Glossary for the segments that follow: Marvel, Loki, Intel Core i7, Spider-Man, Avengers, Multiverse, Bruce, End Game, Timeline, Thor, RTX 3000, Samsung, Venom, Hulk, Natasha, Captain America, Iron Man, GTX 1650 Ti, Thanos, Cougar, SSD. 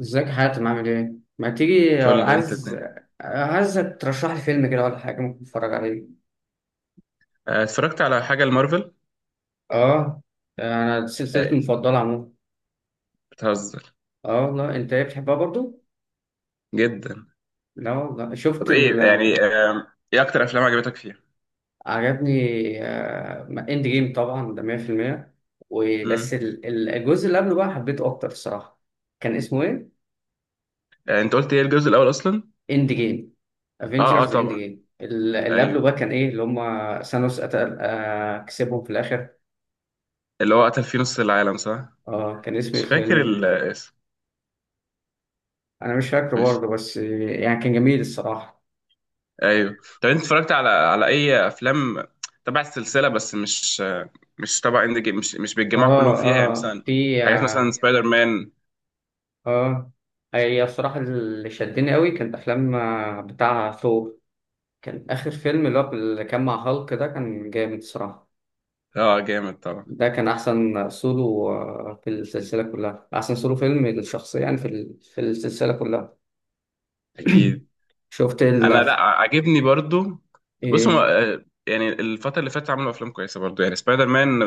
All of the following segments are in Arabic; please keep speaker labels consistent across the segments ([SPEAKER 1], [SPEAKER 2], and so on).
[SPEAKER 1] ازيك يا حاتم؟ عامل ايه؟ ما تيجي
[SPEAKER 2] فل انت
[SPEAKER 1] عايز
[SPEAKER 2] الدنيا.
[SPEAKER 1] عايزك ترشح لي فيلم كده ولا حاجة ممكن اتفرج عليه.
[SPEAKER 2] اتفرجت على حاجة المارفل.
[SPEAKER 1] اه، انا دي سلسلتي
[SPEAKER 2] آه،
[SPEAKER 1] المفضلة عموما.
[SPEAKER 2] بتهزر
[SPEAKER 1] اه والله، انت ايه بتحبها برضو؟
[SPEAKER 2] جدا.
[SPEAKER 1] لا والله،
[SPEAKER 2] طب ايه يعني ايه اكتر افلام عجبتك فيها؟
[SPEAKER 1] عجبني. اند جيم طبعا ده 100%. وبس
[SPEAKER 2] امم
[SPEAKER 1] الجزء اللي قبله بقى حبيته اكتر الصراحة. كان اسمه ايه؟
[SPEAKER 2] انت قلت ايه الجزء الاول اصلا؟
[SPEAKER 1] اند جيم.
[SPEAKER 2] اه اه،
[SPEAKER 1] افنجرز اند
[SPEAKER 2] طبعا.
[SPEAKER 1] جيم اللي قبله
[SPEAKER 2] ايوه،
[SPEAKER 1] بقى كان ايه اللي هم ثانوس قتل كسبهم في الاخر.
[SPEAKER 2] اللي هو قتل فيه نص العالم، صح.
[SPEAKER 1] اه، كان اسمه ايه
[SPEAKER 2] مش فاكر
[SPEAKER 1] الفيلم؟
[SPEAKER 2] الاسم.
[SPEAKER 1] انا مش فاكره
[SPEAKER 2] مش
[SPEAKER 1] برضه، بس يعني كان جميل الصراحه.
[SPEAKER 2] ايوه. طب انت اتفرجت على اي افلام تبع السلسلة، بس مش مش تبع اند جيم، مش بيتجمعوا كلهم
[SPEAKER 1] اه
[SPEAKER 2] فيها، يعني
[SPEAKER 1] اه
[SPEAKER 2] مثلا
[SPEAKER 1] في
[SPEAKER 2] حاجات مثلا
[SPEAKER 1] اه
[SPEAKER 2] سبايدر مان.
[SPEAKER 1] آه. هي الصراحه اللي شدني قوي كانت افلام بتاع ثور. كان اخر فيلم اللي هو اللي كان مع هالك ده كان جامد الصراحه.
[SPEAKER 2] اه جامد طبعا.
[SPEAKER 1] ده كان احسن سولو، في السلسله كلها احسن سولو فيلم للشخصيه، يعني في في السلسله كلها.
[SPEAKER 2] اكيد.
[SPEAKER 1] شفت ال
[SPEAKER 2] انا لا، عاجبني برضو. بص، هو
[SPEAKER 1] ايه.
[SPEAKER 2] يعني الفتره اللي فاتت عملوا افلام كويسه برضو، يعني سبايدر مان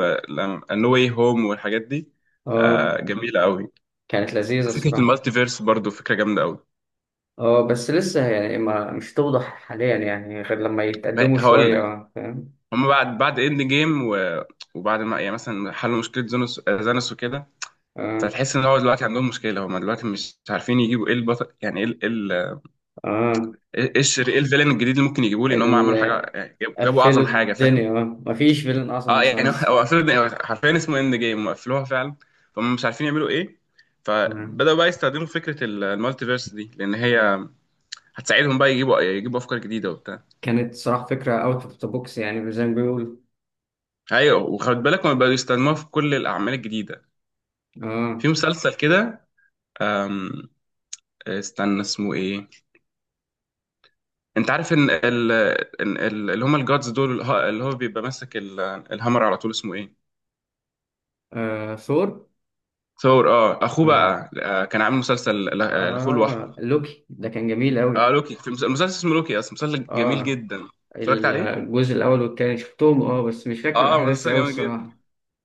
[SPEAKER 2] نو واي هوم والحاجات دي
[SPEAKER 1] اه،
[SPEAKER 2] جميله قوي.
[SPEAKER 1] كانت لذيذه
[SPEAKER 2] فكره
[SPEAKER 1] الصراحه.
[SPEAKER 2] المالتيفيرس برضو فكره جامده قوي.
[SPEAKER 1] اه، بس لسه يعني ما مش توضح حاليا، يعني غير لما يتقدموا
[SPEAKER 2] هقول
[SPEAKER 1] شويه،
[SPEAKER 2] لك،
[SPEAKER 1] فاهم.
[SPEAKER 2] هم بعد اند جيم وبعد ما يعني مثلا حلوا مشكله زانوس وكده،
[SPEAKER 1] اه
[SPEAKER 2] فتحس ان هو دلوقتي عندهم مشكله، هم دلوقتي مش عارفين يجيبوا ايه البطل، يعني ايه
[SPEAKER 1] اه
[SPEAKER 2] ايه الشر، ايه الفيلن الجديد اللي ممكن يجيبوه، لان هم عملوا
[SPEAKER 1] ال-
[SPEAKER 2] حاجه، يعني جابوا اعظم
[SPEAKER 1] قفلوا
[SPEAKER 2] حاجه، فاهم.
[SPEAKER 1] الدنيا. اه، مفيش فيلن اصلا
[SPEAKER 2] اه يعني
[SPEAKER 1] متصنف.
[SPEAKER 2] هو قفلوا، حرفيا اسمه اند جيم وقفلوها فعلا، فهم مش عارفين يعملوا ايه.
[SPEAKER 1] آه،
[SPEAKER 2] فبدأوا بقى يستخدموا فكرة المالتيفيرس دي، لأن هي هتساعدهم بقى يجيبوا أفكار جديدة وبتاع.
[SPEAKER 1] كانت صراحة فكرة اوت اوف ذا بوكس، يعني زي ما بيقولوا.
[SPEAKER 2] أيوة، وخد بالك هم بقوا يستخدموها في كل الأعمال الجديدة، في
[SPEAKER 1] اه.
[SPEAKER 2] مسلسل كده. أم، استنى اسمه إيه. أنت عارف إن اللي هم الجادز دول، اللي هو بيبقى ماسك الهامر على طول، اسمه إيه؟
[SPEAKER 1] ثور.
[SPEAKER 2] ثور. اه، أخوه
[SPEAKER 1] اه
[SPEAKER 2] بقى كان عامل مسلسل لأخوه
[SPEAKER 1] اه،
[SPEAKER 2] لوحده.
[SPEAKER 1] لوكي ده كان جميل
[SPEAKER 2] اه،
[SPEAKER 1] قوي.
[SPEAKER 2] لوكي في مسلسل اسمه لوكي، اصلا مسلسل جميل
[SPEAKER 1] اه،
[SPEAKER 2] جدا. اتفرجت عليه،
[SPEAKER 1] الجزء الاول والتاني شفتهم، اه بس مش فاكر
[SPEAKER 2] اه
[SPEAKER 1] الاحداث
[SPEAKER 2] مسلسل
[SPEAKER 1] قوي
[SPEAKER 2] جميل جدا.
[SPEAKER 1] الصراحة.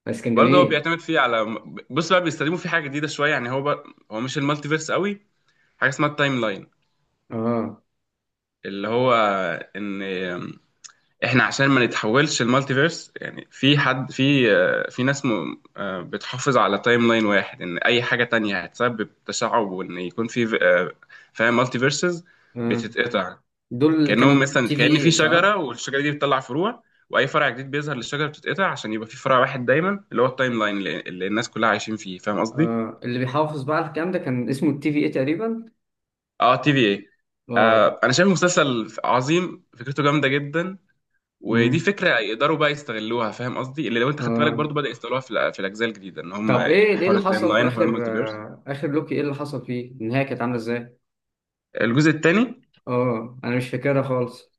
[SPEAKER 1] بس كان
[SPEAKER 2] برضه هو
[SPEAKER 1] جميل.
[SPEAKER 2] بيعتمد فيه على، بص بقى بيستخدموا فيه حاجه جديده شويه، يعني هو بقى، هو مش المالتي فيرس قوي، حاجه اسمها التايم لاين.
[SPEAKER 1] اه
[SPEAKER 2] اللي هو ان احنا عشان ما نتحولش المالتي فيرس، يعني في ناس م... آه، بتحافظ على تايم لاين واحد، ان اي حاجه تانية هتسبب تشعب، وان يكون في فاهم، مالتي فيرسز
[SPEAKER 1] اه،
[SPEAKER 2] بتتقطع.
[SPEAKER 1] دول اللي
[SPEAKER 2] كانهم
[SPEAKER 1] كانوا
[SPEAKER 2] مثلا،
[SPEAKER 1] تي في
[SPEAKER 2] كأن في
[SPEAKER 1] اي،
[SPEAKER 2] شجره،
[SPEAKER 1] صح؟
[SPEAKER 2] والشجره دي بتطلع فروع، واي فرع جديد بيظهر للشجره بتتقطع عشان يبقى في فرع واحد دايما، اللي هو التايم لاين اللي الناس كلها عايشين فيه، فاهم قصدي.
[SPEAKER 1] اه، اللي بيحافظ بقى على الكلام ده كان اسمه التي في اي تقريبا.
[SPEAKER 2] اه تي في اي.
[SPEAKER 1] اه.
[SPEAKER 2] انا شايف مسلسل عظيم، فكرته جامده جدا. ودي
[SPEAKER 1] امم.
[SPEAKER 2] فكره يقدروا بقى يستغلوها، فاهم قصدي، اللي لو انت خدت بالك
[SPEAKER 1] اه،
[SPEAKER 2] برضو بدأ يستغلوها في في الاجزاء الجديده، ان هم
[SPEAKER 1] طب ايه ايه
[SPEAKER 2] حوار
[SPEAKER 1] اللي
[SPEAKER 2] التايم
[SPEAKER 1] حصل في
[SPEAKER 2] لاين وحوار
[SPEAKER 1] اخر
[SPEAKER 2] المالتيفيرس.
[SPEAKER 1] اخر لوكي؟ ايه اللي حصل فيه؟ النهايه كانت عامله ازاي؟
[SPEAKER 2] الجزء الثاني،
[SPEAKER 1] اه، انا مش فاكرها خالص.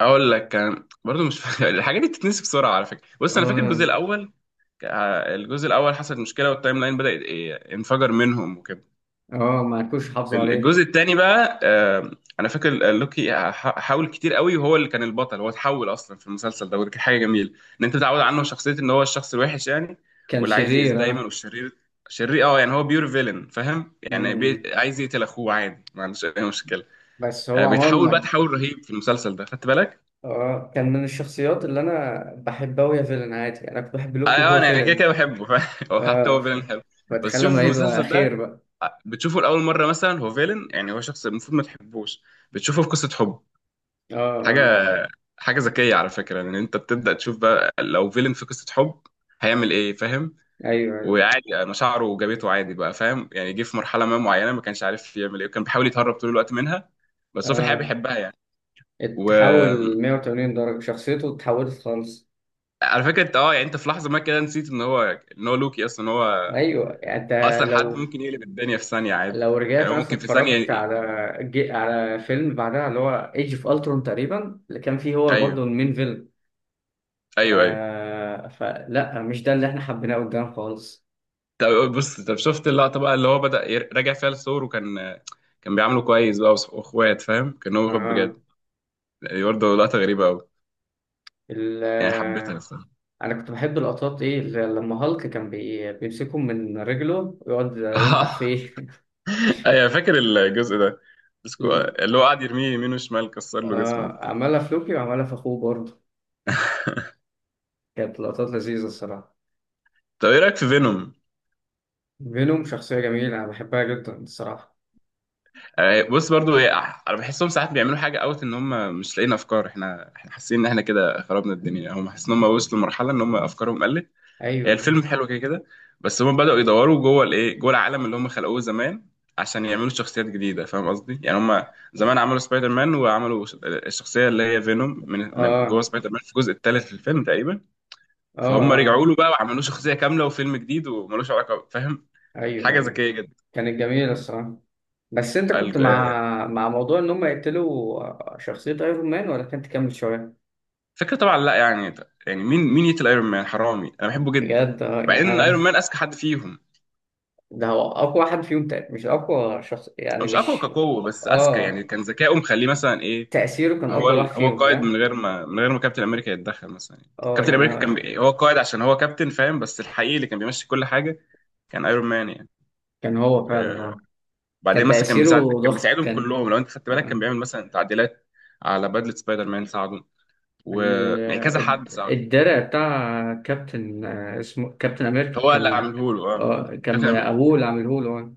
[SPEAKER 2] اقول لك كان برضو مش فاكر الحاجات دي بتتنسي بسرعه على فكره. بص انا فاكر الجزء
[SPEAKER 1] اه
[SPEAKER 2] الاول. الجزء الاول حصلت مشكله والتايم لاين بدا انفجر منهم وكده.
[SPEAKER 1] اه، ما كنتش
[SPEAKER 2] في
[SPEAKER 1] حافظه عليه.
[SPEAKER 2] الجزء الثاني بقى انا فاكر لوكي حاول كتير قوي، وهو اللي كان البطل، هو اتحول اصلا في المسلسل ده، ودي كانت حاجه جميله، ان انت متعود عنه شخصيه، ان هو الشخص الوحش يعني،
[SPEAKER 1] كان
[SPEAKER 2] واللي عايز يأذي
[SPEAKER 1] شرير،
[SPEAKER 2] دايما،
[SPEAKER 1] اه.
[SPEAKER 2] والشرير. شرير اه، يعني هو بيور فيلن فاهم، يعني
[SPEAKER 1] امم.
[SPEAKER 2] عايز يقتل اخوه عادي، ما عندوش اي مشكله.
[SPEAKER 1] بس هو
[SPEAKER 2] بيتحول بقى
[SPEAKER 1] عموما،
[SPEAKER 2] تحول رهيب في المسلسل ده، خدت بالك؟
[SPEAKER 1] اه، كان من الشخصيات اللي انا بحبها وهي فيلن. عادي، انا كنت بحب
[SPEAKER 2] اه
[SPEAKER 1] لوكي وهو
[SPEAKER 2] انا كده
[SPEAKER 1] فيلن.
[SPEAKER 2] كده بحبه فاهم؟ هو حتى
[SPEAKER 1] اه،
[SPEAKER 2] هو فيلن حلو. بس
[SPEAKER 1] فتخيل
[SPEAKER 2] شوفوا
[SPEAKER 1] لما
[SPEAKER 2] في
[SPEAKER 1] يبقى
[SPEAKER 2] المسلسل ده،
[SPEAKER 1] خير بقى.
[SPEAKER 2] بتشوفه لأول مرة مثلا هو فيلن، يعني هو شخص المفروض ما تحبوش، بتشوفه في قصة حب.
[SPEAKER 1] اه
[SPEAKER 2] حاجة
[SPEAKER 1] اه.
[SPEAKER 2] حاجة ذكية على فكرة، لأن أنت بتبدأ تشوف بقى لو فيلن في قصة حب هيعمل إيه، فاهم.
[SPEAKER 1] ايوه ايوه.
[SPEAKER 2] وعادي مشاعره وجابته عادي بقى، فاهم يعني جه في مرحلة ما معينة ما كانش عارف يعمل إيه، وكان بيحاول يتهرب طول الوقت منها، بس هو في الحقيقة
[SPEAKER 1] اه،
[SPEAKER 2] بيحبها يعني. وعلى
[SPEAKER 1] اتحول 180 درجه، شخصيته اتحولت خالص.
[SPEAKER 2] فكرة أنت يعني أنت في لحظة ما كده نسيت إن هو لوكي أصلا، إن هو
[SPEAKER 1] ايوه يعني انت،
[SPEAKER 2] أصلا حد
[SPEAKER 1] لو
[SPEAKER 2] ممكن يقلب الدنيا في ثانية عادي،
[SPEAKER 1] لو
[SPEAKER 2] يعني
[SPEAKER 1] رجعت
[SPEAKER 2] هو ممكن
[SPEAKER 1] مثلا
[SPEAKER 2] في ثانية.
[SPEAKER 1] اتفرجت على على فيلم بعدها اللي هو ايج اوف الترون تقريبا، اللي كان فيه هو برضه
[SPEAKER 2] أيوه،
[SPEAKER 1] المين فيلم. ف...
[SPEAKER 2] أيوه، أيوه.
[SPEAKER 1] فلا، مش ده اللي احنا حبيناه قدام خالص.
[SPEAKER 2] طب بص، طب شفت اللقطة بقى اللي هو بدأ راجع فيها للصور، وكان كان بيعامله كويس بقى واخوات، فاهم كان هو واخد
[SPEAKER 1] اه.
[SPEAKER 2] بجد، يعني برضه لقطة غريبة أوي،
[SPEAKER 1] ال...
[SPEAKER 2] يعني حبيتها الصراحة.
[SPEAKER 1] انا كنت بحب اللقطات ايه اللي لما هالك كان بيمسكهم من رجله ويقعد ينطح فيه.
[SPEAKER 2] أيوة فاكر الجزء ده. بس
[SPEAKER 1] ال-
[SPEAKER 2] اللي هو قاعد يرميه يمين وشمال، كسر له جسمه
[SPEAKER 1] اه،
[SPEAKER 2] وبتاع.
[SPEAKER 1] عملها في لوكي وعملها في اخوه برضه. كانت لقطات لذيذة الصراحة.
[SPEAKER 2] طب ايه رايك في فينوم؟
[SPEAKER 1] فينوم شخصية جميلة، انا بحبها جدا الصراحة.
[SPEAKER 2] بص برضو انا بحسهم ساعات بيعملوا حاجه اوت، ان هم مش لاقيين افكار. احنا حاسين ان احنا كده خربنا الدنيا، هم حاسين ان هم وصلوا لمرحله ان هم افكارهم قلت. هي
[SPEAKER 1] ايوه.
[SPEAKER 2] الفيلم حلو كده كده، بس هم بدأوا يدوروا جوه الايه، جوه العالم اللي هم خلقوه زمان، عشان يعملوا شخصيات جديدة، فاهم قصدي. يعني هم زمان عملوا سبايدر مان، وعملوا الشخصية اللي هي فينوم، من جوه
[SPEAKER 1] اه
[SPEAKER 2] سبايدر مان في الجزء الثالث في الفيلم تقريبا.
[SPEAKER 1] اه
[SPEAKER 2] فهم
[SPEAKER 1] اه.
[SPEAKER 2] رجعوا له بقى وعملوا شخصية كاملة وفيلم جديد وملوش علاقة، فاهم.
[SPEAKER 1] ايوه
[SPEAKER 2] حاجة
[SPEAKER 1] ايوه.
[SPEAKER 2] ذكية جدا.
[SPEAKER 1] كانت جميلة الصراحة. بس انت كنت
[SPEAKER 2] الج- آه،
[SPEAKER 1] مع موضوع ان هم يقتلوا شخصية ايرون مان، ولا كنت تكمل شوية؟
[SPEAKER 2] فكرة طبعا، لا يعني، يعني مين يقتل ايرون مان، حرامي انا بحبه جدا.
[SPEAKER 1] بجد اه، يعني
[SPEAKER 2] بعدين ايرون
[SPEAKER 1] انا،
[SPEAKER 2] مان اذكى حد فيهم.
[SPEAKER 1] ده هو اقوى واحد فيهم مش اقوى شخص
[SPEAKER 2] هو
[SPEAKER 1] يعني
[SPEAKER 2] مش اقوى
[SPEAKER 1] مش.
[SPEAKER 2] كقوة، بس اذكى، يعني
[SPEAKER 1] اه،
[SPEAKER 2] كان ذكائه مخليه مثلا ايه.
[SPEAKER 1] تأثيره كان اكبر واحد
[SPEAKER 2] هو
[SPEAKER 1] فيهم،
[SPEAKER 2] قائد من
[SPEAKER 1] فاهم.
[SPEAKER 2] غير ما من غير ما كابتن امريكا يتدخل مثلا يعني.
[SPEAKER 1] اه
[SPEAKER 2] كابتن
[SPEAKER 1] يعني
[SPEAKER 2] امريكا
[SPEAKER 1] هو،
[SPEAKER 2] كان هو قائد عشان هو كابتن فاهم، بس الحقيقي اللي كان بيمشي كل حاجه كان ايرون مان يعني.
[SPEAKER 1] كان هو فعلا
[SPEAKER 2] آه،
[SPEAKER 1] اه. كان
[SPEAKER 2] بعدين مثلا
[SPEAKER 1] تأثيره
[SPEAKER 2] كان
[SPEAKER 1] ضخم
[SPEAKER 2] بيساعدهم
[SPEAKER 1] كان.
[SPEAKER 2] كلهم، لو انت خدت بالك كان
[SPEAKER 1] آه.
[SPEAKER 2] بيعمل مثلا تعديلات على بدله سبايدر مان ساعده، و
[SPEAKER 1] ال-
[SPEAKER 2] يعني كذا حد ساعده.
[SPEAKER 1] الدرع بتاع كابتن، اسمه كابتن امريكا
[SPEAKER 2] هو اللي
[SPEAKER 1] كان،
[SPEAKER 2] عامله له
[SPEAKER 1] اه، كان
[SPEAKER 2] كابتن
[SPEAKER 1] ابوه
[SPEAKER 2] امريكا.
[SPEAKER 1] اللي عامله له. آه،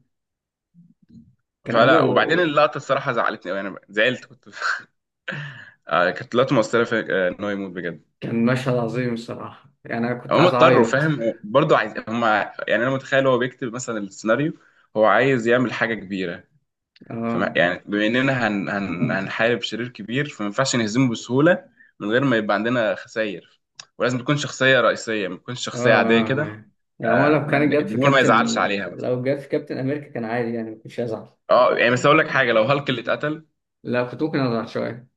[SPEAKER 1] كان
[SPEAKER 2] فلا، وبعدين
[SPEAKER 1] ابوه.
[SPEAKER 2] اللقطه الصراحه زعلتني قوي، انا زعلت كنت. كانت لقطه مؤثره في آه، ان هو يموت بجد.
[SPEAKER 1] كان مشهد عظيم الصراحة، يعني أنا كنت
[SPEAKER 2] هم
[SPEAKER 1] عايز
[SPEAKER 2] اضطروا
[SPEAKER 1] أعيط.
[SPEAKER 2] فاهم، برضه عايز هم، يعني انا متخيل هو بيكتب مثلا السيناريو، هو عايز يعمل حاجه كبيره، فما
[SPEAKER 1] آه
[SPEAKER 2] يعني بما اننا هن هن هنحارب شرير كبير، فما ينفعش نهزمه بسهوله، من غير ما يبقى عندنا خسائر، ولازم تكون شخصيه رئيسيه، ما تكونش شخصيه عاديه كده.
[SPEAKER 1] آه. يعني هو لو كانت جت في
[SPEAKER 2] الجمهور ما
[SPEAKER 1] كابتن،
[SPEAKER 2] يزعلش عليها مثلا.
[SPEAKER 1] لو جت في كابتن أمريكا كان عادي، يعني ما كنتش هزعل.
[SPEAKER 2] اه يعني، بس اقول لك حاجه، لو هالك اللي اتقتل.
[SPEAKER 1] لا، كنت ممكن أزعل شوية.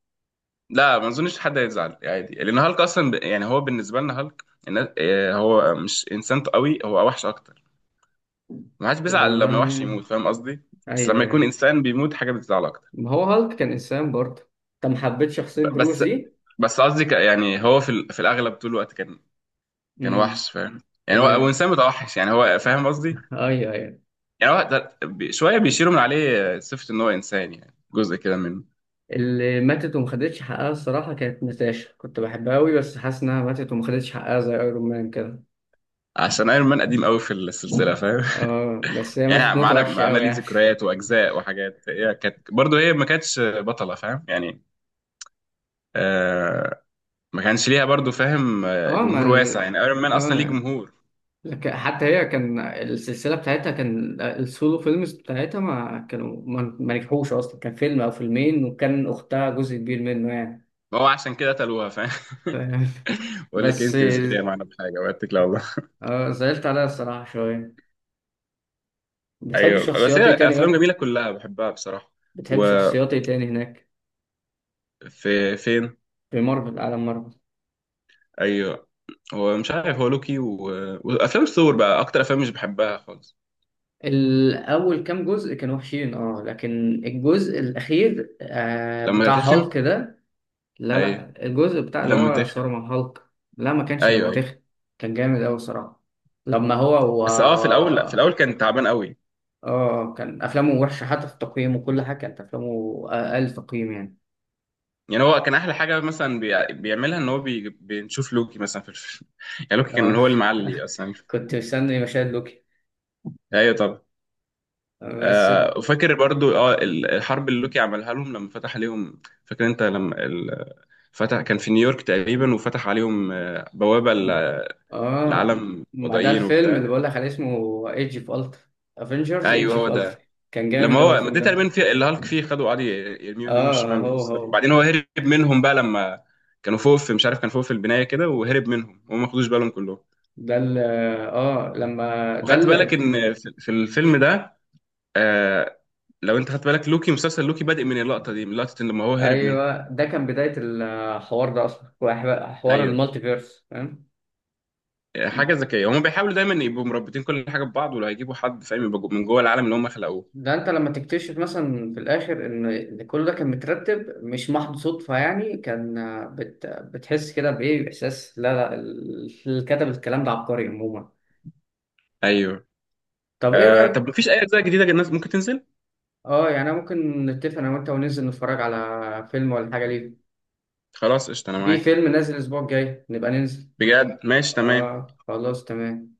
[SPEAKER 2] لا، ما اظنش حد هيزعل عادي، لان هالك اصلا يعني هو بالنسبه لنا هالك هو مش انسان قوي، هو وحش اكتر، ما حدش بيزعل لما وحش
[SPEAKER 1] والله
[SPEAKER 2] يموت فاهم قصدي، بس
[SPEAKER 1] أيوه
[SPEAKER 2] لما يكون
[SPEAKER 1] أيوه.
[SPEAKER 2] انسان بيموت حاجه بتزعل اكتر.
[SPEAKER 1] ما هو هالك كان إنسان برضه. أنت ما حبيتش شخصية
[SPEAKER 2] ب-
[SPEAKER 1] بروس
[SPEAKER 2] بس
[SPEAKER 1] دي؟
[SPEAKER 2] بس قصدي يعني هو في في الاغلب طول الوقت كان
[SPEAKER 1] امم.
[SPEAKER 2] وحش فاهم، يعني هو
[SPEAKER 1] اللي،
[SPEAKER 2] انسان متوحش، يعني هو فاهم قصدي،
[SPEAKER 1] أيوه أيوه،
[SPEAKER 2] يعني هو شويه بيشيلوا من عليه صفه ان هو انسان، يعني جزء كده منه.
[SPEAKER 1] اللي ماتت وما خدتش حقها الصراحة كانت ناتاشا. كنت بحبها أوي، بس حاسس إنها ماتت وما خدتش حقها زي أيرون مان كده.
[SPEAKER 2] عشان ايرون مان قديم قوي في السلسله فاهم.
[SPEAKER 1] آه، بس هي ماتت
[SPEAKER 2] يعني
[SPEAKER 1] موتة
[SPEAKER 2] معانا
[SPEAKER 1] وحشة
[SPEAKER 2] معانا
[SPEAKER 1] أوي
[SPEAKER 2] ليه
[SPEAKER 1] يعني.
[SPEAKER 2] ذكريات واجزاء وحاجات، هي كانت برضه هي ما كانتش بطله فاهم يعني. آه ما كانش ليها برضه فاهم
[SPEAKER 1] اه. ما
[SPEAKER 2] جمهور واسع،
[SPEAKER 1] ال...
[SPEAKER 2] يعني ايرون مان اصلا ليه
[SPEAKER 1] اه،
[SPEAKER 2] جمهور.
[SPEAKER 1] حتى هي كان السلسلة بتاعتها، كان السولو فيلمز بتاعتها ما كانوا ما ما نجحوش أصلا. كان فيلم أو فيلمين، وكان أختها جزء كبير منه يعني،
[SPEAKER 2] ما هو عشان كده قتلوها فاهم.
[SPEAKER 1] فاهم؟
[SPEAKER 2] بقول لك
[SPEAKER 1] بس
[SPEAKER 2] انت مش جايه معانا بحاجه واتك، لا والله.
[SPEAKER 1] زعلت عليها الصراحة شوية. بتحب
[SPEAKER 2] ايوه، بس
[SPEAKER 1] شخصيات إيه
[SPEAKER 2] هي
[SPEAKER 1] تاني
[SPEAKER 2] افلام
[SPEAKER 1] بقى؟
[SPEAKER 2] جميله كلها بحبها بصراحه.
[SPEAKER 1] بتحب
[SPEAKER 2] وفي،
[SPEAKER 1] شخصيات إيه تاني هناك،
[SPEAKER 2] فين؟
[SPEAKER 1] في مارفل، عالم مارفل؟
[SPEAKER 2] ايوه. هو مش عارف، هو لوكي و... وافلام ثور بقى، اكتر افلام مش بحبها خالص.
[SPEAKER 1] الأول كام جزء كانوا وحشين أه، لكن الجزء الأخير آه
[SPEAKER 2] لما
[SPEAKER 1] بتاع
[SPEAKER 2] تخن.
[SPEAKER 1] هالك ده. لا
[SPEAKER 2] ايوه
[SPEAKER 1] لا، الجزء بتاع اللي
[SPEAKER 2] لما
[SPEAKER 1] هو
[SPEAKER 2] تخن.
[SPEAKER 1] صار مع هالك. لا، ما كانش
[SPEAKER 2] ايوه،
[SPEAKER 1] لما
[SPEAKER 2] ايوه.
[SPEAKER 1] تخن. كان جامد أوي صراحة. لما هو
[SPEAKER 2] بس اه، في الاول، لا في الاول كان تعبان قوي،
[SPEAKER 1] اه، كان أفلامه وحشة، حتى في التقييم وكل حاجة كانت أفلامه أقل تقييم يعني.
[SPEAKER 2] يعني هو كان احلى حاجه مثلا بيعملها ان هو بنشوف لوكي مثلا في الفيلم. يعني لوكي كان
[SPEAKER 1] اه.
[SPEAKER 2] هو المعلي اصلا.
[SPEAKER 1] كنت مستني مشاهد لوكي.
[SPEAKER 2] ايوه طبعا.
[SPEAKER 1] بس ال...
[SPEAKER 2] وفاكر برضو، اه الحرب اللي لوكي عملها لهم لما فتح عليهم، فاكر انت لما فتح كان في نيويورك تقريبا، وفتح عليهم بوابة
[SPEAKER 1] اه،
[SPEAKER 2] لعالم
[SPEAKER 1] ما ده
[SPEAKER 2] وضعيين
[SPEAKER 1] الفيلم اللي
[SPEAKER 2] وبتاع.
[SPEAKER 1] بقول لك عليه اسمه ايج اوف الترا. افنجرز
[SPEAKER 2] ايوه
[SPEAKER 1] ايج اوف
[SPEAKER 2] هو ده.
[SPEAKER 1] الترا. كان
[SPEAKER 2] لما
[SPEAKER 1] جامد أوي
[SPEAKER 2] هو، ما
[SPEAKER 1] الفيلم
[SPEAKER 2] ده تقريبا
[SPEAKER 1] ده.
[SPEAKER 2] في اللي هالك فيه خدوا قعد يرميه يمين
[SPEAKER 1] اه،
[SPEAKER 2] وشمال
[SPEAKER 1] هو
[SPEAKER 2] ويكسروا. وبعدين هو هرب منهم بقى لما كانوا فوق في، مش عارف كان فوق في البناية كده، وهرب منهم وهم ما خدوش بالهم كلهم.
[SPEAKER 1] ده. ال اه لما ده
[SPEAKER 2] وخدت بالك ان في الفيلم ده، آه لو انت خدت بالك لوكي، مسلسل لوكي بادئ من اللقطة دي، من لقطة ان لما هو هرب منهم.
[SPEAKER 1] ايوه، ده كان بدايه الحوار ده اصلا، حوار
[SPEAKER 2] ايوه.
[SPEAKER 1] المالتي فيرس، فاهم.
[SPEAKER 2] حاجة ذكية، هم بيحاولوا دايما يبقوا مربطين كل حاجة ببعض، ولو هيجيبوا حد فاهم يبقى من جوه العالم اللي هم خلقوه.
[SPEAKER 1] ده انت لما تكتشف مثلا في الاخر ان كل ده كان مترتب، مش محض صدفه يعني. كان بتحس كده بايه، باحساس لا لا، اللي كتب الكلام ده عبقري عموما.
[SPEAKER 2] ايوه.
[SPEAKER 1] طب ايه
[SPEAKER 2] طب
[SPEAKER 1] رايك؟
[SPEAKER 2] مفيش اي اجزاء جديده الناس ممكن تنزل؟
[SPEAKER 1] اه يعني، أنا ممكن نتفق انا وانت وننزل نتفرج على فيلم ولا حاجه، ليه؟
[SPEAKER 2] خلاص قشطه انا
[SPEAKER 1] في
[SPEAKER 2] معاك.
[SPEAKER 1] فيلم نازل الاسبوع الجاي، نبقى ننزل.
[SPEAKER 2] بجد ماشي تمام.
[SPEAKER 1] اه خلاص تمام.